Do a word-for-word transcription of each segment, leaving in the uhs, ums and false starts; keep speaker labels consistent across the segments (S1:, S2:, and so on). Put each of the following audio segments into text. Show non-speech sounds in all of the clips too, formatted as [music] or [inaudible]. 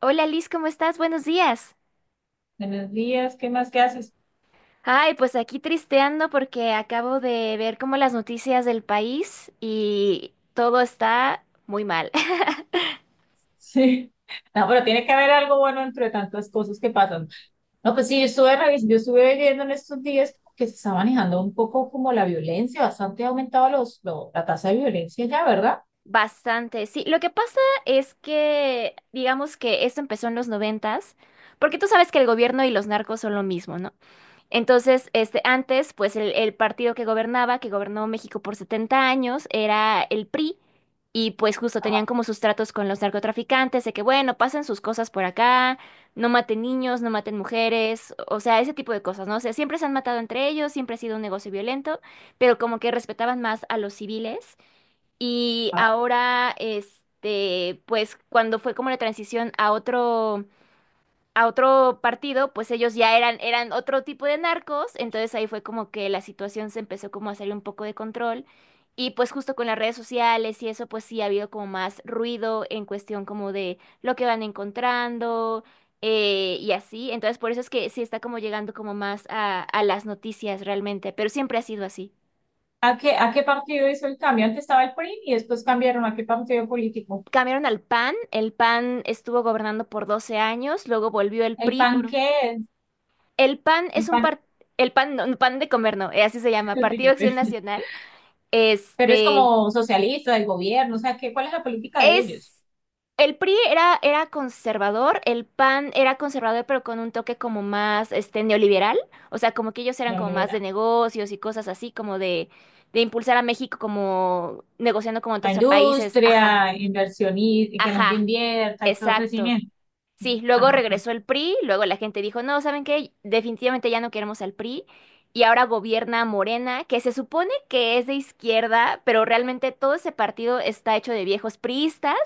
S1: Hola Liz, ¿cómo estás? Buenos días.
S2: Buenos días, ¿qué más que haces? [laughs]
S1: Ay, pues aquí tristeando porque acabo de ver como las noticias del país y todo está muy mal. [laughs]
S2: Sí. No, pero tiene que haber algo bueno entre tantas cosas que pasan. No, pues sí, yo estuve, revis- yo estuve viendo en estos días que se está manejando un poco como la violencia, bastante ha aumentado los, lo- la tasa de violencia ya, ¿verdad?
S1: Bastante, sí. Lo que pasa es que, digamos que esto empezó en los noventas, porque tú sabes que el gobierno y los narcos son lo mismo, ¿no? Entonces, este, antes, pues el, el partido que gobernaba, que gobernó México por setenta años, era el PRI, y pues justo tenían como sus tratos con los narcotraficantes, de que, bueno, pasen sus cosas por acá, no maten niños, no maten mujeres, o sea, ese tipo de cosas, ¿no? O sea, siempre se han matado entre ellos, siempre ha sido un negocio violento, pero como que respetaban más a los civiles. Y
S2: Ah,
S1: ahora, este, pues cuando fue como la transición a otro a otro partido, pues ellos ya eran, eran, otro tipo de narcos, entonces ahí fue como que la situación se empezó como a salir un poco de control, y pues justo con las redes sociales y eso, pues sí ha habido como más ruido en cuestión como de lo que van encontrando, eh, y así. Entonces por eso es que sí está como llegando como más a, a las noticias realmente, pero siempre ha sido así.
S2: ¿A qué, a qué partido hizo el cambio? Antes estaba el P R I y después cambiaron a qué partido político.
S1: Cambiaron al PAN, el PAN estuvo gobernando por doce años, luego volvió el
S2: ¿El
S1: PRI
S2: P A N
S1: por...
S2: qué es?
S1: El PAN
S2: El
S1: es un
S2: P A N,
S1: par- el PAN, no, no, PAN de comer, no, eh, así se llama, Partido Acción
S2: [laughs]
S1: Nacional.
S2: pero es
S1: Este
S2: como socialista, el gobierno, o sea, ¿qué, cuál es la política de ellos?
S1: es El PRI era, era conservador, el PAN era conservador, pero con un toque como más este neoliberal. O sea, como que ellos eran como más de negocios y cosas así, como de, de impulsar a México como negociando con otros
S2: La
S1: países. Ajá,
S2: industria, inversionista, y que la gente
S1: ajá,
S2: invierta y todo
S1: exacto.
S2: crecimiento.
S1: Sí, luego
S2: Ajá, ok.
S1: regresó el PRI, luego la gente dijo, no, ¿saben qué? Definitivamente ya no queremos al PRI. Y ahora gobierna Morena, que se supone que es de izquierda, pero realmente todo ese partido está hecho de viejos priistas.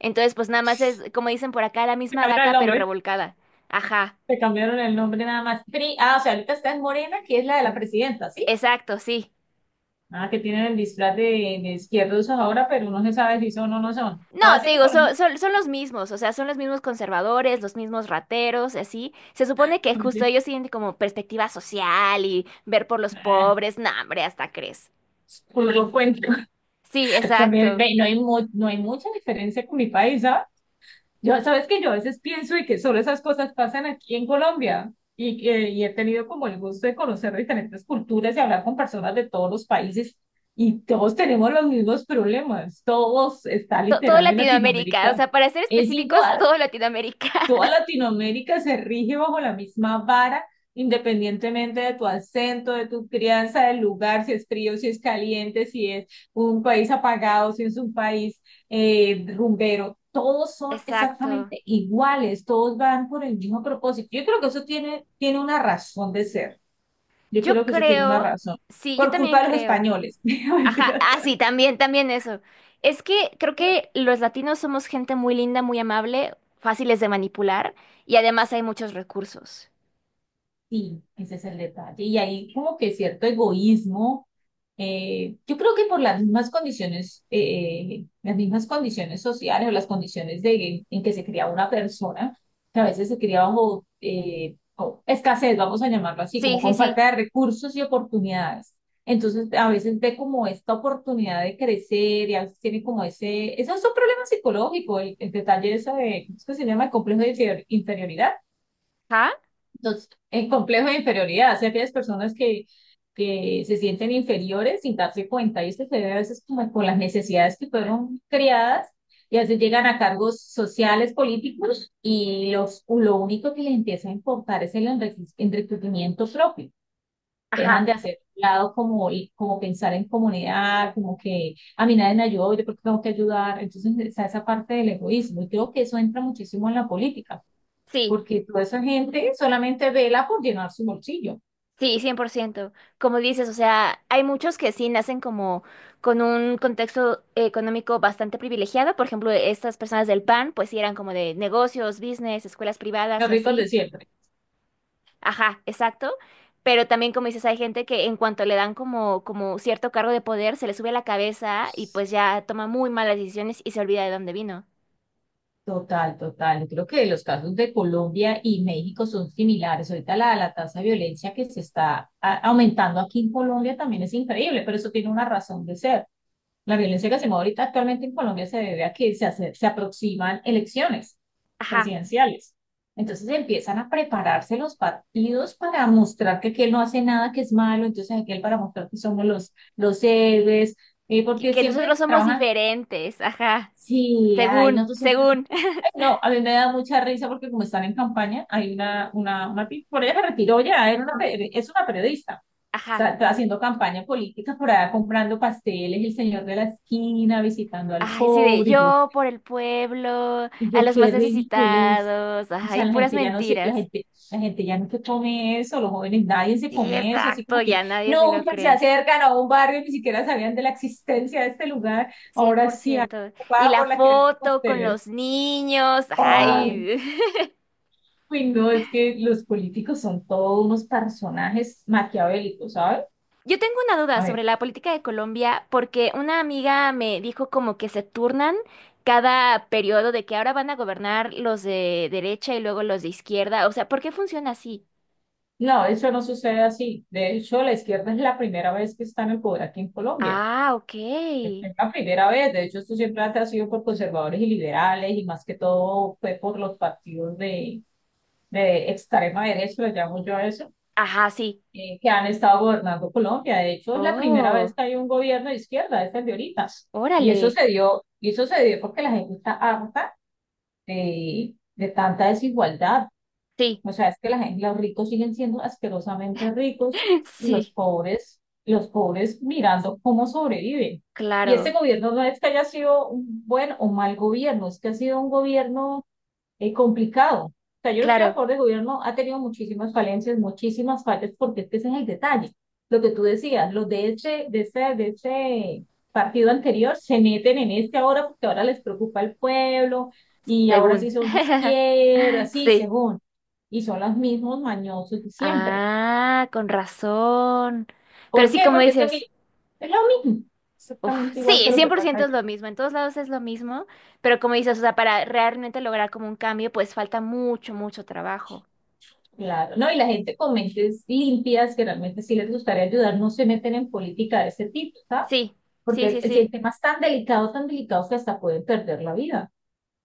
S1: Entonces, pues nada más es, como dicen por acá, la
S2: Te
S1: misma
S2: cambiaron el
S1: gata, pero
S2: nombre,
S1: revolcada. Ajá,
S2: te cambiaron el nombre nada más. Pri- ah, o sea, ahorita está en Morena, que es la de la presidenta, ¿sí?
S1: exacto, sí.
S2: Ah, que tienen el disfraz de, de izquierdos ahora, pero no se sabe si son o no son.
S1: No,
S2: Todas
S1: te
S2: siguen
S1: digo,
S2: con el
S1: so-
S2: mismo...
S1: son, son los mismos, o sea, son los mismos conservadores, los mismos rateros, y así. Se supone que justo ellos tienen como perspectiva social y ver por los
S2: Ah,
S1: pobres. No, hombre, hasta crees.
S2: por lo cuento.
S1: Sí,
S2: [laughs] También,
S1: exacto.
S2: ve, no hay, mu- no hay mucha diferencia con mi país, ¿sabes? Yo, sabes que yo a veces pienso y que solo esas cosas pasan aquí en Colombia y, que- y he tenido como el gusto de conocer diferentes culturas y hablar con personas de todos los países y todos tenemos los mismos problemas, todos está
S1: To- todo
S2: literal en
S1: Latinoamérica, o
S2: Latinoamérica,
S1: sea, para ser
S2: es
S1: específicos,
S2: igual,
S1: todo Latinoamérica. [laughs]
S2: toda Latinoamérica se rige bajo la misma vara, independientemente de tu acento, de tu crianza, del lugar, si es frío, si es caliente, si es un país apagado, si es un país eh, rumbero. Todos son
S1: Exacto.
S2: exactamente iguales, todos van por el mismo propósito. Yo creo que eso tiene, tiene una razón de ser. Yo
S1: Yo
S2: creo que eso tiene una
S1: creo,
S2: razón.
S1: sí, yo
S2: Por
S1: también
S2: culpa de los
S1: creo.
S2: españoles. [laughs] No,
S1: Ajá,
S2: mentira.
S1: ah, sí, también, también eso. Es que creo que los latinos somos gente muy linda, muy amable, fáciles de manipular, y además hay muchos recursos.
S2: Sí, ese es el detalle. Y hay como que cierto egoísmo. Eh, yo creo que por las mismas condiciones, eh, las mismas condiciones sociales o las condiciones de, en que se cría una persona, que a veces se cría bajo eh, o escasez, vamos a llamarlo así,
S1: Sí,
S2: como
S1: sí,
S2: con
S1: sí.
S2: falta de recursos y oportunidades. Entonces, a veces ve como esta oportunidad de crecer y a veces tiene como ese, ese es un problema psicológico, el, el detalle eso de, ¿cómo es que se llama? El complejo de inferior- inferioridad,
S1: Ajá.
S2: los- en complejo de inferioridad, hacia aquellas personas que, que se sienten inferiores sin darse cuenta, y esto se ve a veces como con las necesidades que fueron creadas y a veces llegan a cargos sociales, políticos, y los, lo único que les empieza a importar es el enrique- enriquecimiento propio. Dejan
S1: Ajá,
S2: de hacer un lado como, y como pensar en comunidad, como que a mí nadie me ayudó, yo porque tengo que ayudar. Entonces está esa parte del egoísmo, y creo que eso entra muchísimo en la política
S1: sí.
S2: porque toda esa gente solamente vela por llenar su bolsillo,
S1: Sí, cien por ciento. Como dices, o sea, hay muchos que sí nacen como con un contexto económico bastante privilegiado. Por ejemplo, estas personas del PAN, pues sí eran como de negocios, business, escuelas privadas
S2: los
S1: y
S2: ricos de
S1: así.
S2: siempre.
S1: Ajá, exacto. Pero también, como dices, hay gente que en cuanto le dan como, como cierto cargo de poder, se le sube a la cabeza, y pues ya toma muy malas decisiones y se olvida de dónde vino.
S2: Total, total. Yo creo que los casos de Colombia y México son similares. Ahorita la, la tasa de violencia que se está a- aumentando aquí en Colombia también es increíble, pero eso tiene una razón de ser. La violencia que se mueve ahorita actualmente en Colombia se debe a que se, hace- se aproximan elecciones
S1: Ajá,
S2: presidenciales. Entonces empiezan a prepararse los partidos para mostrar que aquel no hace nada que es malo, entonces aquel para mostrar que somos los, los héroes, eh,
S1: que,
S2: porque
S1: que
S2: siempre
S1: nosotros somos
S2: trabajan.
S1: diferentes, ajá,
S2: Sí, ay, no,
S1: según,
S2: tú siempre.
S1: según,
S2: Ay, no, a mí me da mucha risa porque como están en campaña, hay una, una, una, pi- por ella se retiró ya, era una, pe- es una periodista.
S1: [laughs]
S2: O
S1: ajá.
S2: sea, está haciendo campaña política por allá comprando pasteles, el señor de la esquina, visitando al
S1: Ay, sí, de
S2: pobre, y yo,
S1: yo por el pueblo,
S2: y
S1: a
S2: yo,
S1: los más
S2: qué ridiculez.
S1: necesitados,
S2: O sea,
S1: ay,
S2: la
S1: puras
S2: gente ya no se, la
S1: mentiras.
S2: gente, la gente ya no se come eso, los jóvenes, nadie se
S1: Sí,
S2: come eso, así
S1: exacto,
S2: como que
S1: ya nadie se lo
S2: nunca se
S1: cree.
S2: acercan a un barrio, ni siquiera sabían de la existencia de este lugar,
S1: cien
S2: ahora
S1: por
S2: sí,
S1: ciento Y
S2: ocupada
S1: la
S2: por la que vende
S1: foto con
S2: pasteles.
S1: los niños,
S2: Ay,
S1: ay.
S2: uy, no, es que los políticos son todos unos personajes maquiavélicos, ¿sabes?
S1: [laughs] Yo tengo una duda
S2: A ver,
S1: sobre la política de Colombia porque una amiga me dijo como que se turnan cada periodo, de que ahora van a gobernar los de derecha y luego los de izquierda. O sea, ¿por qué funciona así?
S2: no, eso no sucede así. De hecho, la izquierda es la primera vez que está en el poder aquí en Colombia.
S1: Ah, ok.
S2: Es la primera vez. De hecho, esto siempre ha sido por conservadores y liberales y más que todo fue por los partidos de, de extrema derecha, lo llamo yo a eso,
S1: Ajá, sí.
S2: eh, que han estado gobernando Colombia. De hecho, es la primera vez
S1: Oh,
S2: que hay un gobierno de izquierda, es el de ahorita. Y eso
S1: órale.
S2: se dio, y eso se dio porque la gente está harta de, de tanta desigualdad.
S1: Sí,
S2: O sea, es que la gente, los ricos siguen siendo asquerosamente ricos
S1: [laughs]
S2: y los
S1: sí,
S2: pobres, los pobres mirando cómo sobreviven. Y este
S1: claro,
S2: gobierno no es que haya sido un buen o mal gobierno, es que ha sido un gobierno eh, complicado. O sea, yo no estoy a
S1: claro,
S2: favor del gobierno, ha tenido muchísimas falencias, muchísimas fallas, porque es que ese es el detalle. Lo que tú decías, los de ese, de ese, de ese partido anterior se meten en este ahora porque ahora les preocupa el pueblo y ahora sí
S1: según.
S2: son de
S1: [laughs]
S2: izquierda, así
S1: Sí.
S2: según. Y son los mismos mañosos de siempre.
S1: Ah, con razón. Pero
S2: ¿Por
S1: sí,
S2: qué?
S1: como
S2: Porque es que
S1: dices,
S2: aquí es lo mismo,
S1: uf,
S2: exactamente igual que
S1: sí,
S2: lo
S1: cien
S2: que
S1: por
S2: pasa
S1: ciento
S2: allá.
S1: es lo mismo, en todos lados es lo mismo, pero como dices, o sea, para realmente lograr como un cambio, pues falta mucho, mucho trabajo.
S2: Claro, ¿no? Y la gente con mentes limpias que realmente sí les gustaría ayudar no se meten en política de ese tipo, ¿sabes?
S1: Sí, sí,
S2: Porque
S1: sí,
S2: el,
S1: sí,
S2: el tema es tan delicado, tan delicado que hasta pueden perder la vida.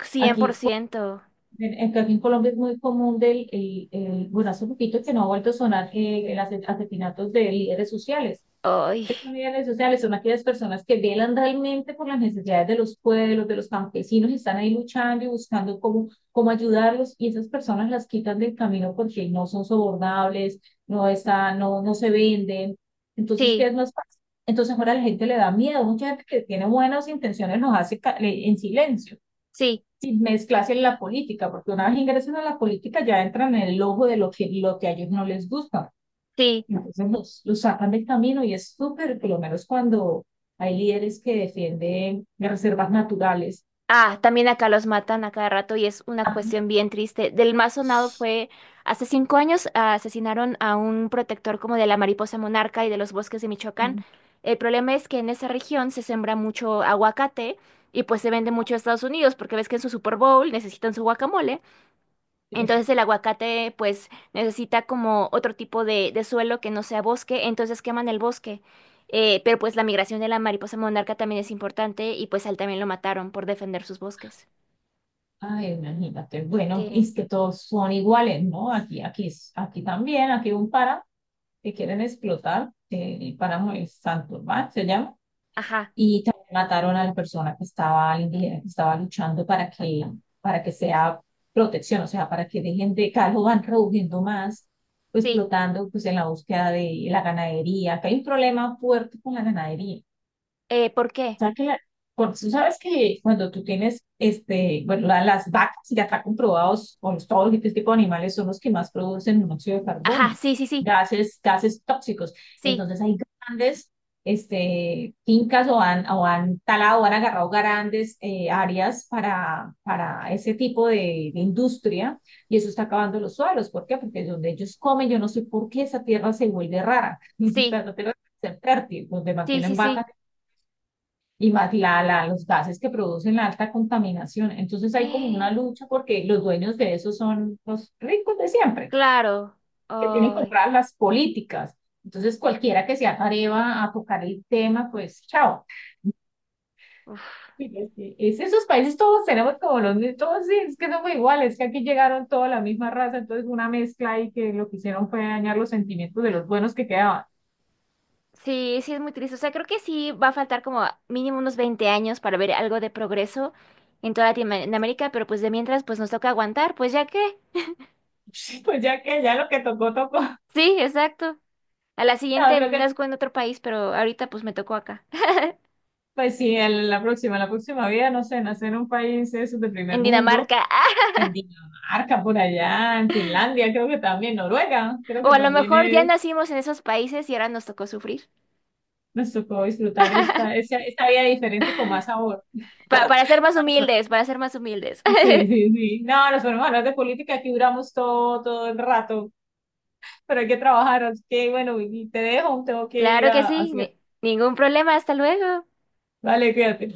S1: Cien por
S2: Aquí,
S1: ciento.
S2: en, en- aquí en Colombia es muy común del, el, el- bueno, hace poquito que no ha vuelto a sonar eh, el ase- asesinatos de líderes sociales.
S1: Ay,
S2: Estos líderes sociales son aquellas personas que velan realmente por las necesidades de los pueblos, de los campesinos, y están ahí luchando y buscando cómo, cómo ayudarlos y esas personas las quitan del camino porque no son sobornables, no están, no, no se venden. Entonces, ¿qué
S1: sí,
S2: es más fácil? Entonces ahora a la gente le da miedo, mucha gente que tiene buenas intenciones los hace ca- le- en silencio,
S1: sí,
S2: sin mezclarse en la política, porque una vez ingresan a la política ya entran en el ojo de lo que, lo que a ellos no les gusta.
S1: sí.
S2: Entonces los, los sacan del camino y es súper, por lo menos cuando hay líderes que defienden las reservas naturales.
S1: Ah, también acá los matan a cada rato y es una cuestión bien triste. Del más sonado fue hace cinco años. Ah, asesinaron a un protector como de la mariposa monarca y de los bosques de Michoacán.
S2: Ujú.
S1: El problema es que en esa región se sembra mucho aguacate, y pues se vende mucho a Estados Unidos porque ves que en su Super Bowl necesitan su guacamole. Entonces
S2: Sí.
S1: el aguacate pues necesita como otro tipo de, de suelo que no sea bosque, entonces queman el bosque. Eh, pero pues la migración de la mariposa monarca también es importante, y pues a él también lo mataron por defender sus bosques.
S2: Ay, imagínate. Bueno,
S1: Sí,
S2: es que todos son iguales, ¿no? Aquí, aquí, es- aquí también, aquí hay un páramo que quieren explotar. Eh, el páramo es Santurbán, se llama.
S1: ajá,
S2: Y también mataron a la persona que estaba, al indígena, que estaba luchando para que, para que sea protección, o sea, para que dejen de, cada vez lo van reduciendo más, pues,
S1: sí.
S2: explotando pues, en la búsqueda de la ganadería, que hay un problema fuerte con la ganadería,
S1: Eh, ¿por qué?
S2: sea que la- por- tú sabes que cuando tú tienes, este, bueno, la- las vacas ya está comprobados, o los- todos este tipo de animales son los que más producen monóxido de
S1: Ajá,
S2: carbono,
S1: sí, sí, sí,
S2: gases, gases tóxicos.
S1: sí,
S2: Entonces hay grandes, este, fincas o han, o han talado, o han agarrado grandes eh, áreas para, para ese tipo de, de industria y eso está acabando los suelos. ¿Por qué? Porque donde ellos comen, yo no sé por qué esa tierra se vuelve rara. [laughs] O sea,
S1: sí,
S2: esa tierra es fértil, donde
S1: sí,
S2: mantienen
S1: sí, sí.
S2: vacas
S1: [gasps]
S2: y más la, la- los gases que producen la alta contaminación. Entonces hay como una
S1: Eh,
S2: lucha porque los dueños de eso son los ricos de siempre,
S1: claro.
S2: que tienen
S1: Ay,
S2: compradas las políticas. Entonces cualquiera que se atreva a tocar el tema, pues chao.
S1: uf.
S2: Y es que es- esos países todos tenemos como los mismos, todos sí, es que somos iguales, es que aquí llegaron toda la misma raza, entonces una mezcla y que lo que hicieron fue dañar los sentimientos de los buenos que quedaban.
S1: Sí, sí, es muy triste. O sea, creo que sí va a faltar como mínimo unos veinte años para ver algo de progreso en toda Latinoamérica, pero pues de mientras, pues nos toca aguantar, pues ya que.
S2: [laughs] Pues ya que ya lo que tocó, tocó.
S1: Sí, exacto. A la
S2: No,
S1: siguiente
S2: creo que...
S1: nazco en otro país, pero ahorita pues me tocó acá,
S2: Pues sí, el- la próxima, la próxima vida, no sé, nacer en un país de esos de
S1: [laughs] en
S2: primer mundo,
S1: Dinamarca. ¡Ah!
S2: en Dinamarca, por allá, en Finlandia, creo que también, Noruega, creo
S1: O
S2: que
S1: a lo
S2: también
S1: mejor ya
S2: es,
S1: nacimos en esos países y ahora nos tocó sufrir.
S2: nos tocó disfrutar esta, esta, esta vida diferente con más sabor.
S1: Pa- para ser más humildes, para ser más humildes.
S2: Sí, sí,
S1: [laughs]
S2: sí. No, nos ponemos a hablar de política, aquí duramos todo, todo el rato, pero hay que trabajar, así que bueno, y te dejo, tengo que ir
S1: Claro que
S2: a, a
S1: sí,
S2: hacer.
S1: ni- ningún problema, hasta luego.
S2: Vale, cuídate.